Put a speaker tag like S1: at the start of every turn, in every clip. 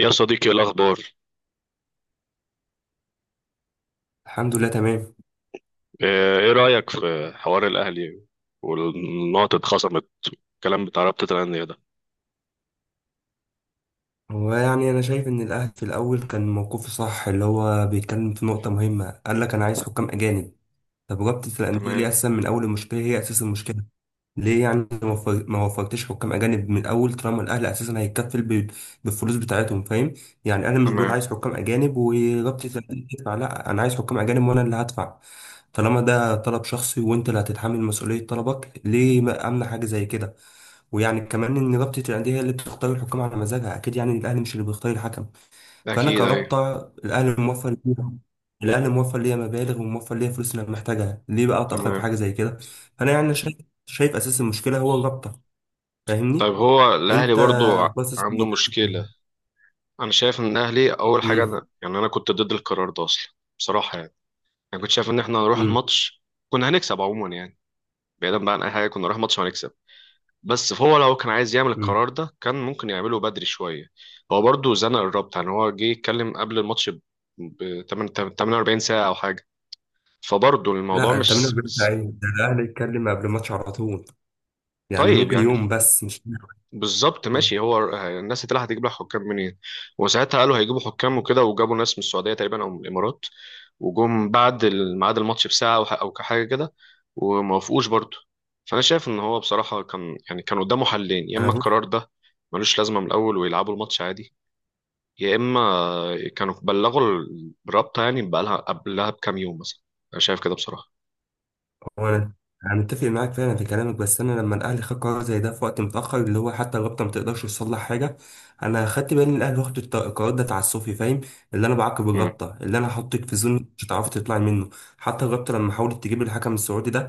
S1: يا صديقي إيه الأخبار؟
S2: الحمد لله، تمام.
S1: آه، إيه رأيك في حوار الأهلي والنقط اتخصمت، الكلام بتاع رابطة الأندية ده؟
S2: ويعني انا شايف ان الاهلي في الاول كان موقفه صح، اللي هو بيتكلم في نقطه مهمه. قال لك: انا عايز حكام اجانب. طب رابطه الانديه ليه
S1: تمام.
S2: اساسا من اول المشكله؟ هي اساس المشكله. ليه يعني ما وفرتش حكام اجانب من الاول، طالما الاهلي اساسا هيتكفل بالفلوس بتاعتهم؟ فاهم؟ يعني انا مش بقول
S1: تمام.
S2: عايز حكام اجانب ورابطه الانديه تدفع، لا، انا عايز حكام اجانب وانا اللي هدفع. طالما ده طلب شخصي وانت اللي هتتحمل مسؤوليه طلبك، ليه ما امنع حاجه زي كده؟ ويعني كمان ان رابطه الانديه هي اللي بتختار الحكام على مزاجها، اكيد يعني الاهلي مش اللي بيختار الحكم. فانا
S1: اكيد، ايوه.
S2: كرابطه، الاهلي موفر ليها، الاهلي موفر ليا مبالغ وموفر ليا فلوس اللي انا محتاجها، ليه بقى اتاخر في
S1: تمام.
S2: حاجه زي كده؟ فانا يعني شايف، شايف اساس المشكله هو الرابطه.
S1: طيب
S2: فاهمني؟
S1: هو الاهلي
S2: انت
S1: برضو
S2: باصص
S1: عنده
S2: من-
S1: مشكله؟ انا شايف ان الاهلي اول حاجه،
S2: امم
S1: انا كنت ضد القرار ده اصلا، بصراحه يعني. انا كنت شايف ان احنا هنروح
S2: امم
S1: الماتش، كنا هنكسب عموما يعني، بعيدا بقى عن اي حاجه كنا نروح ماتش وهنكسب. بس فهو لو كان عايز يعمل
S2: امم
S1: القرار ده كان ممكن يعمله بدري شوية. هو برضه زنق الرابطة، يعني هو جه يتكلم قبل الماتش 48 ساعة أو حاجة. فبرضه الموضوع
S2: لا انت من قبل، ده الاهلي يتكلم قبل الماتش على طول، يعني
S1: طيب
S2: ممكن يوم،
S1: يعني.
S2: بس مش
S1: بالظبط
S2: أمم.
S1: ماشي، هو الناس اللي هتجيب لها حكام منين؟ وساعتها قالوا هيجيبوا حكام وكده، وجابوا ناس من السعودية تقريبا أو من الإمارات. وجم بعد ميعاد الماتش بساعة أو أو حاجة كده، وموافقوش برضه. فأنا شايف إن هو بصراحة كان، يعني كان قدامه حلين: يا إما
S2: انا،
S1: القرار ده ملوش لازمة من الأول ويلعبوا الماتش عادي، يا اما كانوا بلغوا الرابطه يعني بقالها قبلها بكام يوم مثلا. انا شايف كده بصراحه.
S2: وانا انا متفق معاك فعلا في كلامك، بس انا لما الاهلي خد قرار زي ده في وقت متاخر، اللي هو حتى الرابطه ما تقدرش تصلح حاجه. انا خدت بالي ان الاهلي واخد القرار ده تعسفي، فاهم؟ اللي انا بعاقب
S1: امم.
S2: الرابطه، اللي انا هحطك في زون مش هتعرفي تطلعي منه. حتى الرابطه لما حاولت تجيب الحكم السعودي ده،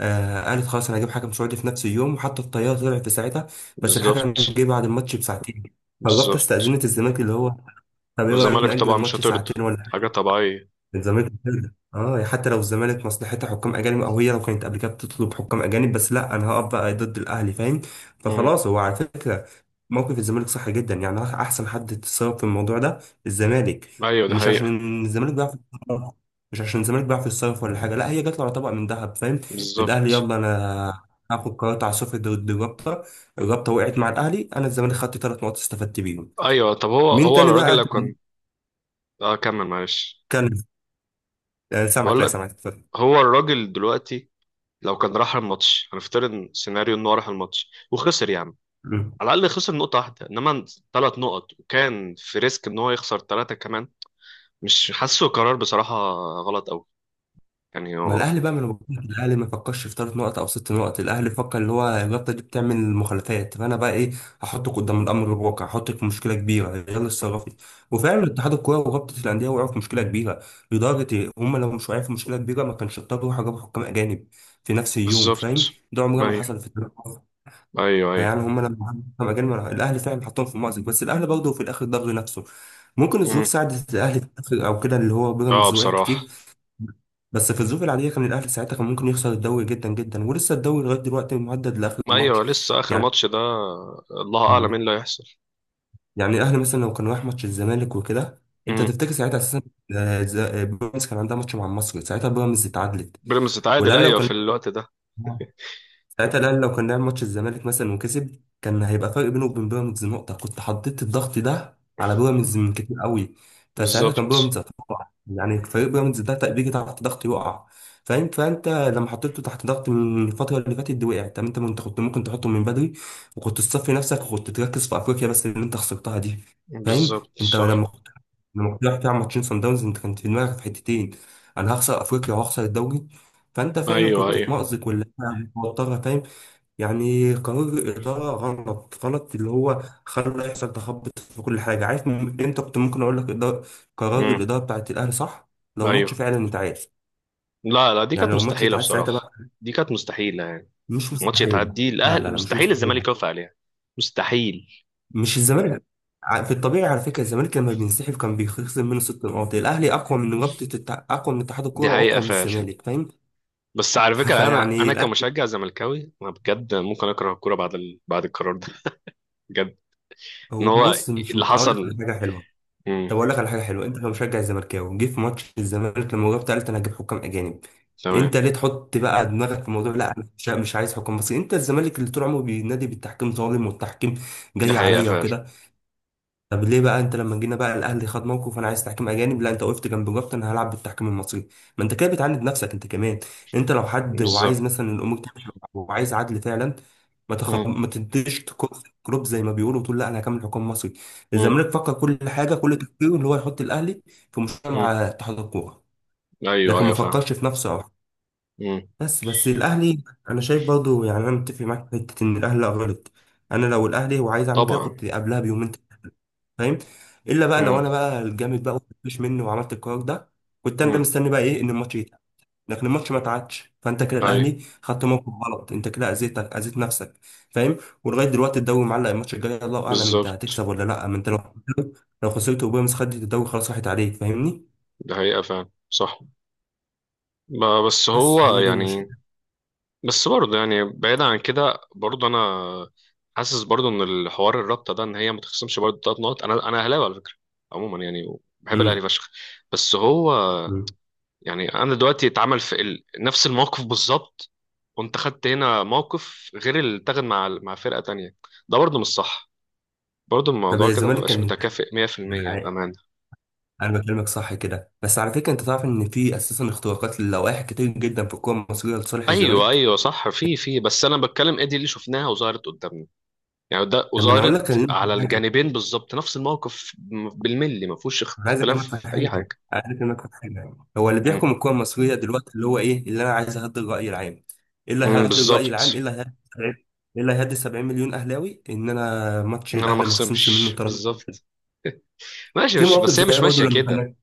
S2: آه، قالت خلاص انا هجيب حكم سعودي في نفس اليوم، وحتى الطياره طلعت في ساعتها، بس الحكم
S1: بالظبط.
S2: جه بعد الماتش بساعتين. فالرابطه
S1: بالظبط.
S2: استاذنت الزمالك، اللي هو طب ايه رايك
S1: والزمالك
S2: ناجل
S1: طبعا مش
S2: الماتش
S1: هترضى،
S2: ساعتين ولا؟
S1: حاجه طبيعيه.
S2: من زمان كده اه يعني، حتى لو الزمالك مصلحتها حكام اجانب، او هي لو كانت قبل كده بتطلب حكام اجانب، بس لا انا هقف بقى ضد الاهلي، فاهم؟
S1: امم.
S2: فخلاص هو على فكره، موقف الزمالك صح جدا، يعني احسن حد تصرف في الموضوع ده الزمالك.
S1: ايوه دي
S2: ومش
S1: حقيقه.
S2: عشان الزمالك بيعرف يتصرف، مش عشان الزمالك بيعرف يتصرف ولا حاجه، لا، هي جات له على طبق من ذهب، فاهم؟ الاهلي
S1: بالظبط.
S2: يلا انا هاخد قرارات عاصفة ضد الرابطة. الرابطة وقعت مع الأهلي، أنا الزمالك خدت ثلاث نقط استفدت بيهم.
S1: ايوه، طب هو
S2: مين
S1: هو
S2: تاني
S1: الراجل
S2: بقى
S1: لو
S2: كان
S1: كان. اه كمل معلش.
S2: كان. سامعك،
S1: بقول
S2: لا
S1: لك،
S2: سامعك، اتفضل.
S1: هو الراجل دلوقتي لو كان راح الماتش، هنفترض سيناريو انه راح الماتش وخسر يا عم، على الاقل خسر نقطه واحده، انما ثلاث نقط وكان في ريسك ان هو يخسر ثلاثه كمان. مش حاسه قرار بصراحه، غلط قوي يعني
S2: ما
S1: هو.
S2: الاهلي بقى من غلطات الاهلي، ما فكرش في ثلاث نقط او ست نقط، الاهلي فكر اللي هو الرابطه دي بتعمل مخالفات، فانا بقى ايه، هحطك قدام الامر الواقع، هحطك في مشكله كبيره، يلا اتصرفي. وفعلا اتحاد الكوره ورابطه الانديه وقعوا في مشكله كبيره لدرجه إيه؟ هم لو مش واقعين في مشكله كبيره ما كانش اضطروا يروحوا جابوا حكام اجانب في نفس اليوم، فاهم؟
S1: بالظبط.
S2: ده عمرها ما
S1: ايوه،
S2: حصل في التاريخ.
S1: ايوه، ايوه.
S2: فيعني هم لما حكموا حكام اجانب الاهلي فعلا حطهم في مأزق، بس الاهلي برضه في الاخر ضر نفسه. ممكن
S1: مم.
S2: الظروف
S1: امم.
S2: ساعدت الاهلي في الآخر او كده، اللي هو
S1: اه
S2: بيراميدز وقع
S1: بصراحه.
S2: كتير، بس في الظروف العادية كان الأهلي ساعتها كان ممكن يخسر الدوري جدا جدا، ولسه الدوري لغاية دلوقتي مهدد لآخر ماتش.
S1: ايوه لسه اخر
S2: يعني
S1: ماتش ده، الله اعلم
S2: مم.
S1: ايه اللي هيحصل.
S2: يعني الأهلي مثلا لو كان راح ماتش الزمالك وكده، أنت
S1: امم.
S2: تفتكر ساعتها أساسا بيراميدز كان عندها ماتش مع مصر، ساعتها بيراميدز اتعادلت.
S1: بيراميدز اتعادل،
S2: والأهلي لو
S1: ايوه في
S2: كان،
S1: الوقت ده.
S2: ساعتها الاهلي لو كان لعب ماتش الزمالك مثلا وكسب، كان هيبقى فرق بينه وبين بيراميدز نقطه، كنت حطيت الضغط ده على بيراميدز من كتير قوي. فساعتها كان
S1: بالظبط.
S2: بيراميدز هتقع، يعني فريق بيراميدز ده بيجي تحت ضغط يقع، فاهم؟ فانت لما حطيته تحت ضغط من الفتره اللي فاتت دي وقع. طب انت كنت، كنت ممكن تحطه من بدري وكنت تصفي نفسك وكنت تركز في افريقيا، بس اللي انت خسرتها دي، فاهم؟
S1: بالظبط
S2: انت
S1: صح.
S2: لما كنت، لما كنت رايح تلعب ماتشين صن داونز انت كنت في دماغك في حتتين: انا هخسر افريقيا وهخسر الدوري. فانت فعلا
S1: ايوه
S2: كنت في
S1: ايوه.
S2: مأزق ولا توترها، فاهم؟ يعني قرار الإدارة غلط غلط، اللي هو خلى يحصل تخبط في كل حاجة. عارف أنت كنت ممكن أقول لك إدارة، قرار
S1: امم.
S2: الإدارة بتاعت الأهلي صح لو ماتش
S1: ايوه.
S2: فعلا اتعاد.
S1: لا لا، دي
S2: يعني
S1: كانت
S2: لو ماتش
S1: مستحيله
S2: اتعاد ساعتها بقى،
S1: بصراحه. دي كانت مستحيله يعني.
S2: مش
S1: ماتش
S2: مستحيل.
S1: يتعدي
S2: لا لا
S1: الاهل
S2: لا مش
S1: مستحيل
S2: مستحيل.
S1: الزمالك يوافق عليها. مستحيل.
S2: مش الزمالك، في الطبيعي على فكرة الزمالك لما بينسحب كان بيخسر منه ست نقاط. الأهلي أقوى من أقوى من اتحاد
S1: دي
S2: الكورة
S1: حقيقه
S2: وأقوى من
S1: فعلا.
S2: الزمالك، فاهم؟
S1: بس على فكره انا
S2: فيعني
S1: انا
S2: الأهلي،
S1: كمشجع زملكاوي انا بجد ممكن اكره الكوره بعد بعد القرار ده، بجد. ان
S2: هو
S1: هو
S2: بص مش
S1: اللي
S2: أقول
S1: حصل.
S2: لك حاجة حلوة؟ طب
S1: مم.
S2: اقول لك على حاجه حلوه: انت كمشجع زملكاوي، جه في ماتش الزمالك لما جبت قلت انا هجيب حكام اجانب.
S1: تمام.
S2: انت ليه تحط بقى دماغك في الموضوع؟ لا انا مش عايز حكام مصري. انت الزمالك اللي طول عمره بينادي بالتحكيم ظالم والتحكيم
S1: دي
S2: جاي
S1: حقيقة
S2: عليا
S1: فعلا.
S2: وكده. طب ليه بقى انت لما جينا بقى الاهلي خد موقف انا عايز تحكيم اجانب، لا انت وقفت جنب، جبت انا هلعب بالتحكيم المصري؟ ما انت كده بتعاند نفسك انت كمان. انت لو حد وعايز
S1: بالظبط.
S2: مثلا الامور تمشي وعايز عدل فعلا،
S1: مم.
S2: ما تديش كروب زي ما بيقولوا، وتقول لا انا هكمل حكام مصري.
S1: مم.
S2: الزمالك فكر كل حاجه، كل تفكيره اللي هو يحط الاهلي في مشكله مع
S1: مم.
S2: اتحاد الكوره،
S1: ايوه
S2: لكن ما
S1: ايوه فاهم.
S2: فكرش في نفسه. او
S1: مم.
S2: بس الاهلي، انا شايف برضو يعني انا متفق معاك في حته ان الاهلي لا غلط. انا لو الاهلي وعايز اعمل كده
S1: طبعا.
S2: كنت قبلها بيومين، فاهم؟ الا بقى لو
S1: مم.
S2: انا بقى الجامد بقى، مفيش مني وعملت القرار ده، كنت انا
S1: مم.
S2: مستني بقى ايه، ان الماتش يتعاد. لكن الماتش ما اتعادش، فانت كده
S1: ايوه.
S2: الاهلي خدت موقف غلط، انت كده اذيتك، اذيت نفسك، فاهم؟ ولغايه دلوقتي الدوري معلق، الماتش الجاي الله اعلم انت
S1: بالظبط.
S2: هتكسب ولا لا، ما انت لو، لو خسرت وبيراميدز خدت الدوري، خلاص راحت عليك، فاهمني؟
S1: دي حقيقة فعلا صح. بس
S2: بس
S1: هو
S2: هي دي
S1: يعني.
S2: المشكله.
S1: بس برضه يعني بعيد عن كده برضه انا حاسس برضه ان الحوار الرابطه ده ان هي ما تخصمش برضه ثلاث نقط. انا اهلاوي على فكره، عموما يعني بحب الاهلي
S2: امم
S1: فشخ. بس هو.
S2: أمم.
S1: يعني انا دلوقتي اتعمل في نفس الموقف بالظبط، وانت خدت هنا موقف غير اللي اتاخد مع فرقه تانية. ده برضه مش صح، برضه
S2: طب
S1: الموضوع
S2: يا
S1: كده
S2: الزمالك
S1: مبقاش
S2: كان،
S1: متكافئ
S2: انا
S1: 100%
S2: عا-
S1: بامانه.
S2: أنا بكلمك صح كده، بس على فكره انت تعرف ان في اساسا اختراقات للوائح كتير جدا في الكوره المصريه لصالح
S1: ايوه
S2: الزمالك.
S1: ايوه صح، في بس انا بتكلم ايه دي اللي شفناها وظهرت قدامنا، يعني ده
S2: طب ما انا اقول لك،
S1: وظهرت
S2: أنا
S1: على
S2: ليه
S1: الجانبين بالظبط نفس الموقف بالملي، ما فيهوش
S2: انا عايز
S1: اختلاف
S2: اكلمك في
S1: في اي
S2: حاجه،
S1: حاجه.
S2: عايز اكلمك في حاجه: هو اللي
S1: مم.
S2: بيحكم الكوره المصريه دلوقتي اللي هو ايه اللي انا عايز اهدي الراي العام؟ ايه اللي
S1: مم،
S2: هيهدي الراي العام؟
S1: بالظبط.
S2: ايه اللي ايه اللي هيهدي 70 مليون اهلاوي؟ ان انا ماتش
S1: انا ما
S2: الاهلي ما خصمش منه
S1: اخصمش
S2: ثلاث نقط.
S1: بالظبط. ماشي
S2: في
S1: ماشي،
S2: مواقف
S1: بس هي
S2: زي
S1: مش
S2: برضه
S1: ماشيه
S2: لما
S1: كده.
S2: كان،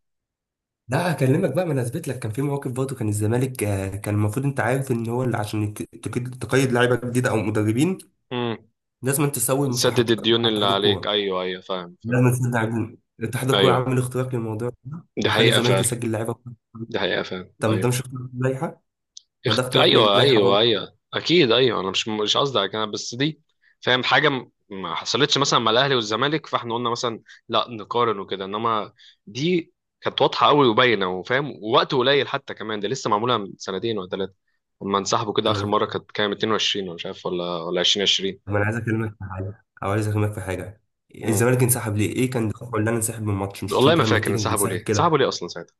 S2: لا هكلمك بقى ما انا اثبت لك، كان في مواقف برضه كان الزمالك، آه، كان المفروض انت عارف ان هو اللي عشان تقيد لعيبه جديده او مدربين،
S1: مم.
S2: لازم أن تسوي
S1: سدد
S2: مستحقات مع
S1: الديون اللي
S2: اتحاد
S1: عليك،
S2: الكوره.
S1: ايوه ايوه فاهم.
S2: لازم تسد عجين. اتحاد الكوره
S1: ايوه
S2: عامل اختراق للموضوع ده،
S1: دي
S2: وخلي
S1: حقيقة
S2: الزمالك
S1: فعلا.
S2: يسجل لعيبه.
S1: دي حقيقة فعلا
S2: طب ده
S1: ايوه.
S2: مش اختراق للائحة؟ ما ده اختراق
S1: ايوه
S2: للائحة
S1: ايوه
S2: برضه.
S1: ايوه اكيد ايوه، انا مش قصدي على كده بس دي. فاهم حاجة ما حصلتش مثلا مع الاهلي والزمالك، فاحنا قلنا مثلا لا نقارن وكده، انما دي كانت واضحة قوي وباينة وفاهم، ووقت قليل حتى كمان، ده لسه معمولة من سنتين ولا ثلاثة. لما انسحبوا كده اخر
S2: انا
S1: مرة كانت كام؟ 22 ولا مش عارف ولا 2020؟
S2: طب انا عايز اكلمك في حاجة، او عايز اكلمك في حاجة:
S1: امم.
S2: الزمالك انسحب ليه؟ ايه كان دفعه اللي انا انسحب من الماتش؟ مش
S1: والله
S2: انت
S1: ما
S2: لما
S1: فاكر
S2: تيجي
S1: انسحبوا
S2: تنسحب
S1: ليه، انسحبوا
S2: كده،
S1: ليه اصلا ساعتها.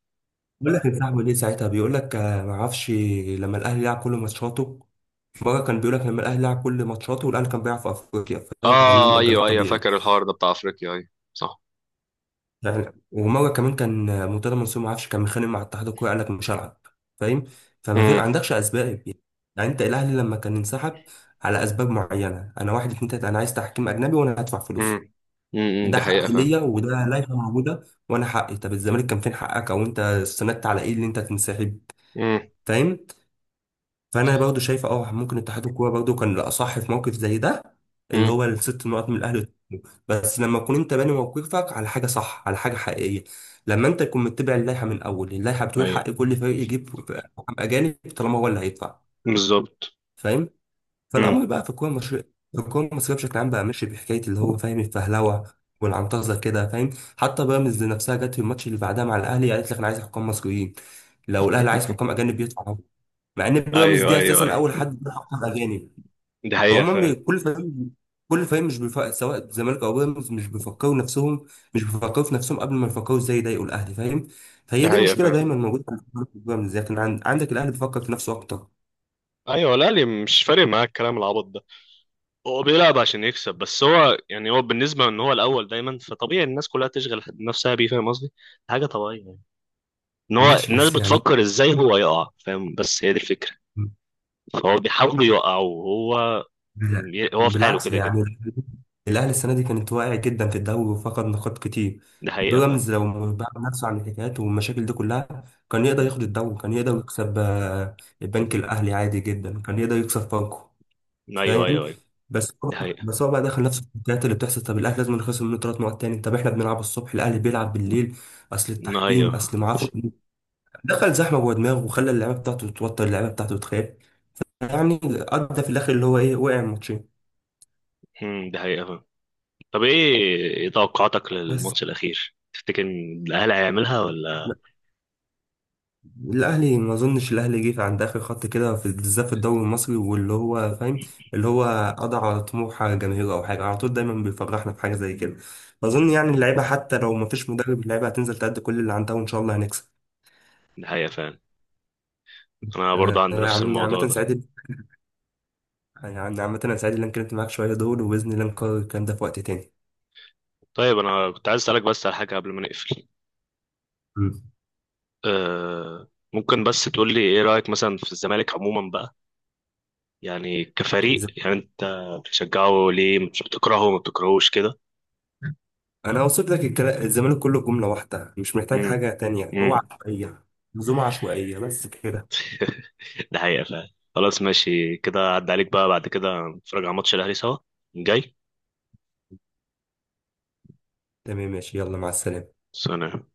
S2: بيقول لك انسحبوا ليه ساعتها، بيقول لك آه، ما اعرفش. لما الاهلي لعب كل ماتشاته، في مرة كان بيقول لك لما الاهلي لعب كل ماتشاته والاهلي كان بيلعب في افريقيا، فده كان ليه
S1: اه
S2: مؤجل
S1: ايوه ايوه،
S2: الطبيعي
S1: فاكر الحوار ده بتاع افريقيا، ايوه صح.
S2: يعني. ومره كمان كان مرتضى منصور ما اعرفش كان متخانق مع اتحاد الكوره قال لك مش هلعب، فاهم؟ ما عندكش اسباب يعني. يعني انت الاهلي لما كان انسحب على اسباب معينه: انا واحد اتنين تلاته انا عايز تحكيم اجنبي وانا هدفع فلوسه،
S1: امم.
S2: ده
S1: دي حقيقة
S2: حقي
S1: فعلا.
S2: ليا وده لائحه موجوده وانا حقي. طب الزمالك كان فين حقك، او انت استندت على ايه اللي انت تنسحب؟
S1: امم.
S2: فاهم؟ فانا برضه شايف اه ممكن اتحاد الكوره برضه كان الاصح في موقف زي ده، اللي
S1: امم.
S2: هو الست نقط من الاهلي والزمالك. بس لما تكون انت باني موقفك على حاجه صح، على حاجه حقيقيه، لما انت تكون متبع اللائحه من الاول. اللائحه بتقول
S1: ايوه.
S2: حق كل فريق يجيب حكام اجانب طالما هو اللي هيدفع،
S1: بالظبط.
S2: فاهم؟
S1: امم.
S2: فالامر بقى في الكوره المصريه، في الكوره المصريه بشكل عام بقى ماشي بحكايه اللي هو فاهم الفهلوه والعنطزه كده، فاهم؟ حتى بيراميدز نفسها جت في الماتش اللي بعدها مع الاهلي قالت لك انا عايز حكام مصريين، لو الاهلي عايز حكام اجانب يدفع، مع ان بيراميدز
S1: ايوه
S2: دي
S1: ايوه
S2: اساسا
S1: ايوه.
S2: اول حد بيحقق اجانب.
S1: دي حقيقة
S2: فهم
S1: فعلا.
S2: كل فريق، كل فريق مش سواء الزمالك او بيراميدز مش بيفكروا نفسهم، مش بيفكروا في نفسهم قبل ما يفكروا ازاي يضايقوا الاهلي، فاهم؟ فهي
S1: دي
S2: دي
S1: حقيقة
S2: مشكله دايما
S1: فعلا
S2: موجوده في بيراميدز. لكن عندك الاهلي بيفكر في نفسه اكتر.
S1: ايوه. لا لي مش فارق معاه الكلام العبط ده، هو بيلعب عشان يكسب بس. هو يعني هو بالنسبة ان هو الاول دايما، فطبيعي الناس كلها تشغل نفسها بيه، فاهم قصدي؟ حاجة طبيعية يعني، ان هو
S2: ماشي
S1: الناس
S2: بس يعني
S1: بتفكر ازاي هو يقع، فاهم؟ بس هي دي الفكرة. فهو بيحاول يقع وهو،
S2: لا
S1: هو في حاله
S2: بالعكس
S1: كده كده.
S2: يعني. الأهلي السنة دي كانت واقعة جدا في الدوري وفقد نقاط كتير.
S1: دي حقيقة فعلا.
S2: بيراميدز لو بعد نفسه عن الحكايات والمشاكل دي كلها كان يقدر
S1: مم.
S2: ياخد الدوري، كان يقدر يكسب آه، البنك الأهلي عادي جدا، كان يقدر يكسب فاركو،
S1: ايوه
S2: فاهم؟
S1: ايوه ايوه.
S2: بس هو،
S1: دي حقيقة.
S2: بس هو بقى دخل نفسه في الحكايات اللي بتحصل. طب الأهلي لازم نخسر منه ثلاث نقط تاني؟ طب احنا بنلعب الصبح، الأهلي بيلعب بالليل، أصل
S1: ايوه.
S2: التحكيم، أصل ما اعرفش مين. دخل زحمة جوه دماغه وخلى اللعيبة بتاعته تتوتر، اللعيبة بتاعته تخاف، يعني أدى في الآخر اللي هو إيه، وقع الماتشين.
S1: مم. دي حقيقة فعلا. طب ايه، إيه توقعاتك
S2: بس
S1: للماتش الاخير؟ تفتكر ان الاهلي هيعملها ولا؟
S2: الاهلي ما اظنش الاهلي جه عند اخر خط كده بالذات في الدوري المصري، واللي هو فاهم، اللي هو قضى على طموح جماهيره او حاجه، على طول دايما بيفرحنا بحاجه زي كده. فاظن يعني اللعيبه حتى لو ما فيش مدرب اللعيبه هتنزل تأدي كل اللي عندها، وان شاء الله هنكسب.
S1: نهاية فعلا. انا برضه
S2: انا،
S1: عندي نفس الموضوع
S2: عامه
S1: ده.
S2: سعيد، يعني عامه انا سعيد ان انا اتكلمت معاك شويه دول، وباذن الله نكرر الكلام ده في وقت تاني.
S1: طيب انا كنت عايز اسالك بس على حاجه قبل ما نقفل.
S2: مم.
S1: أه، ممكن بس تقول لي ايه رايك مثلا في الزمالك عموما بقى؟ يعني كفريق،
S2: إذا-
S1: يعني انت بتشجعه ليه؟ مش بتكرهه؟ ما بتكرهوش كده؟
S2: انا وصلت لك الزمالك كله جمله واحده مش محتاج
S1: امم.
S2: حاجه تانية: هو
S1: امم.
S2: عشوائيه، منظومه عشوائيه، بس كده.
S1: ده حقيقه فعلا. خلاص ماشي كده، عدى عليك بقى، بعد كده نتفرج على ماتش الاهلي سوا جاي.
S2: تمام ماشي، يلا مع السلامه.
S1: سلام.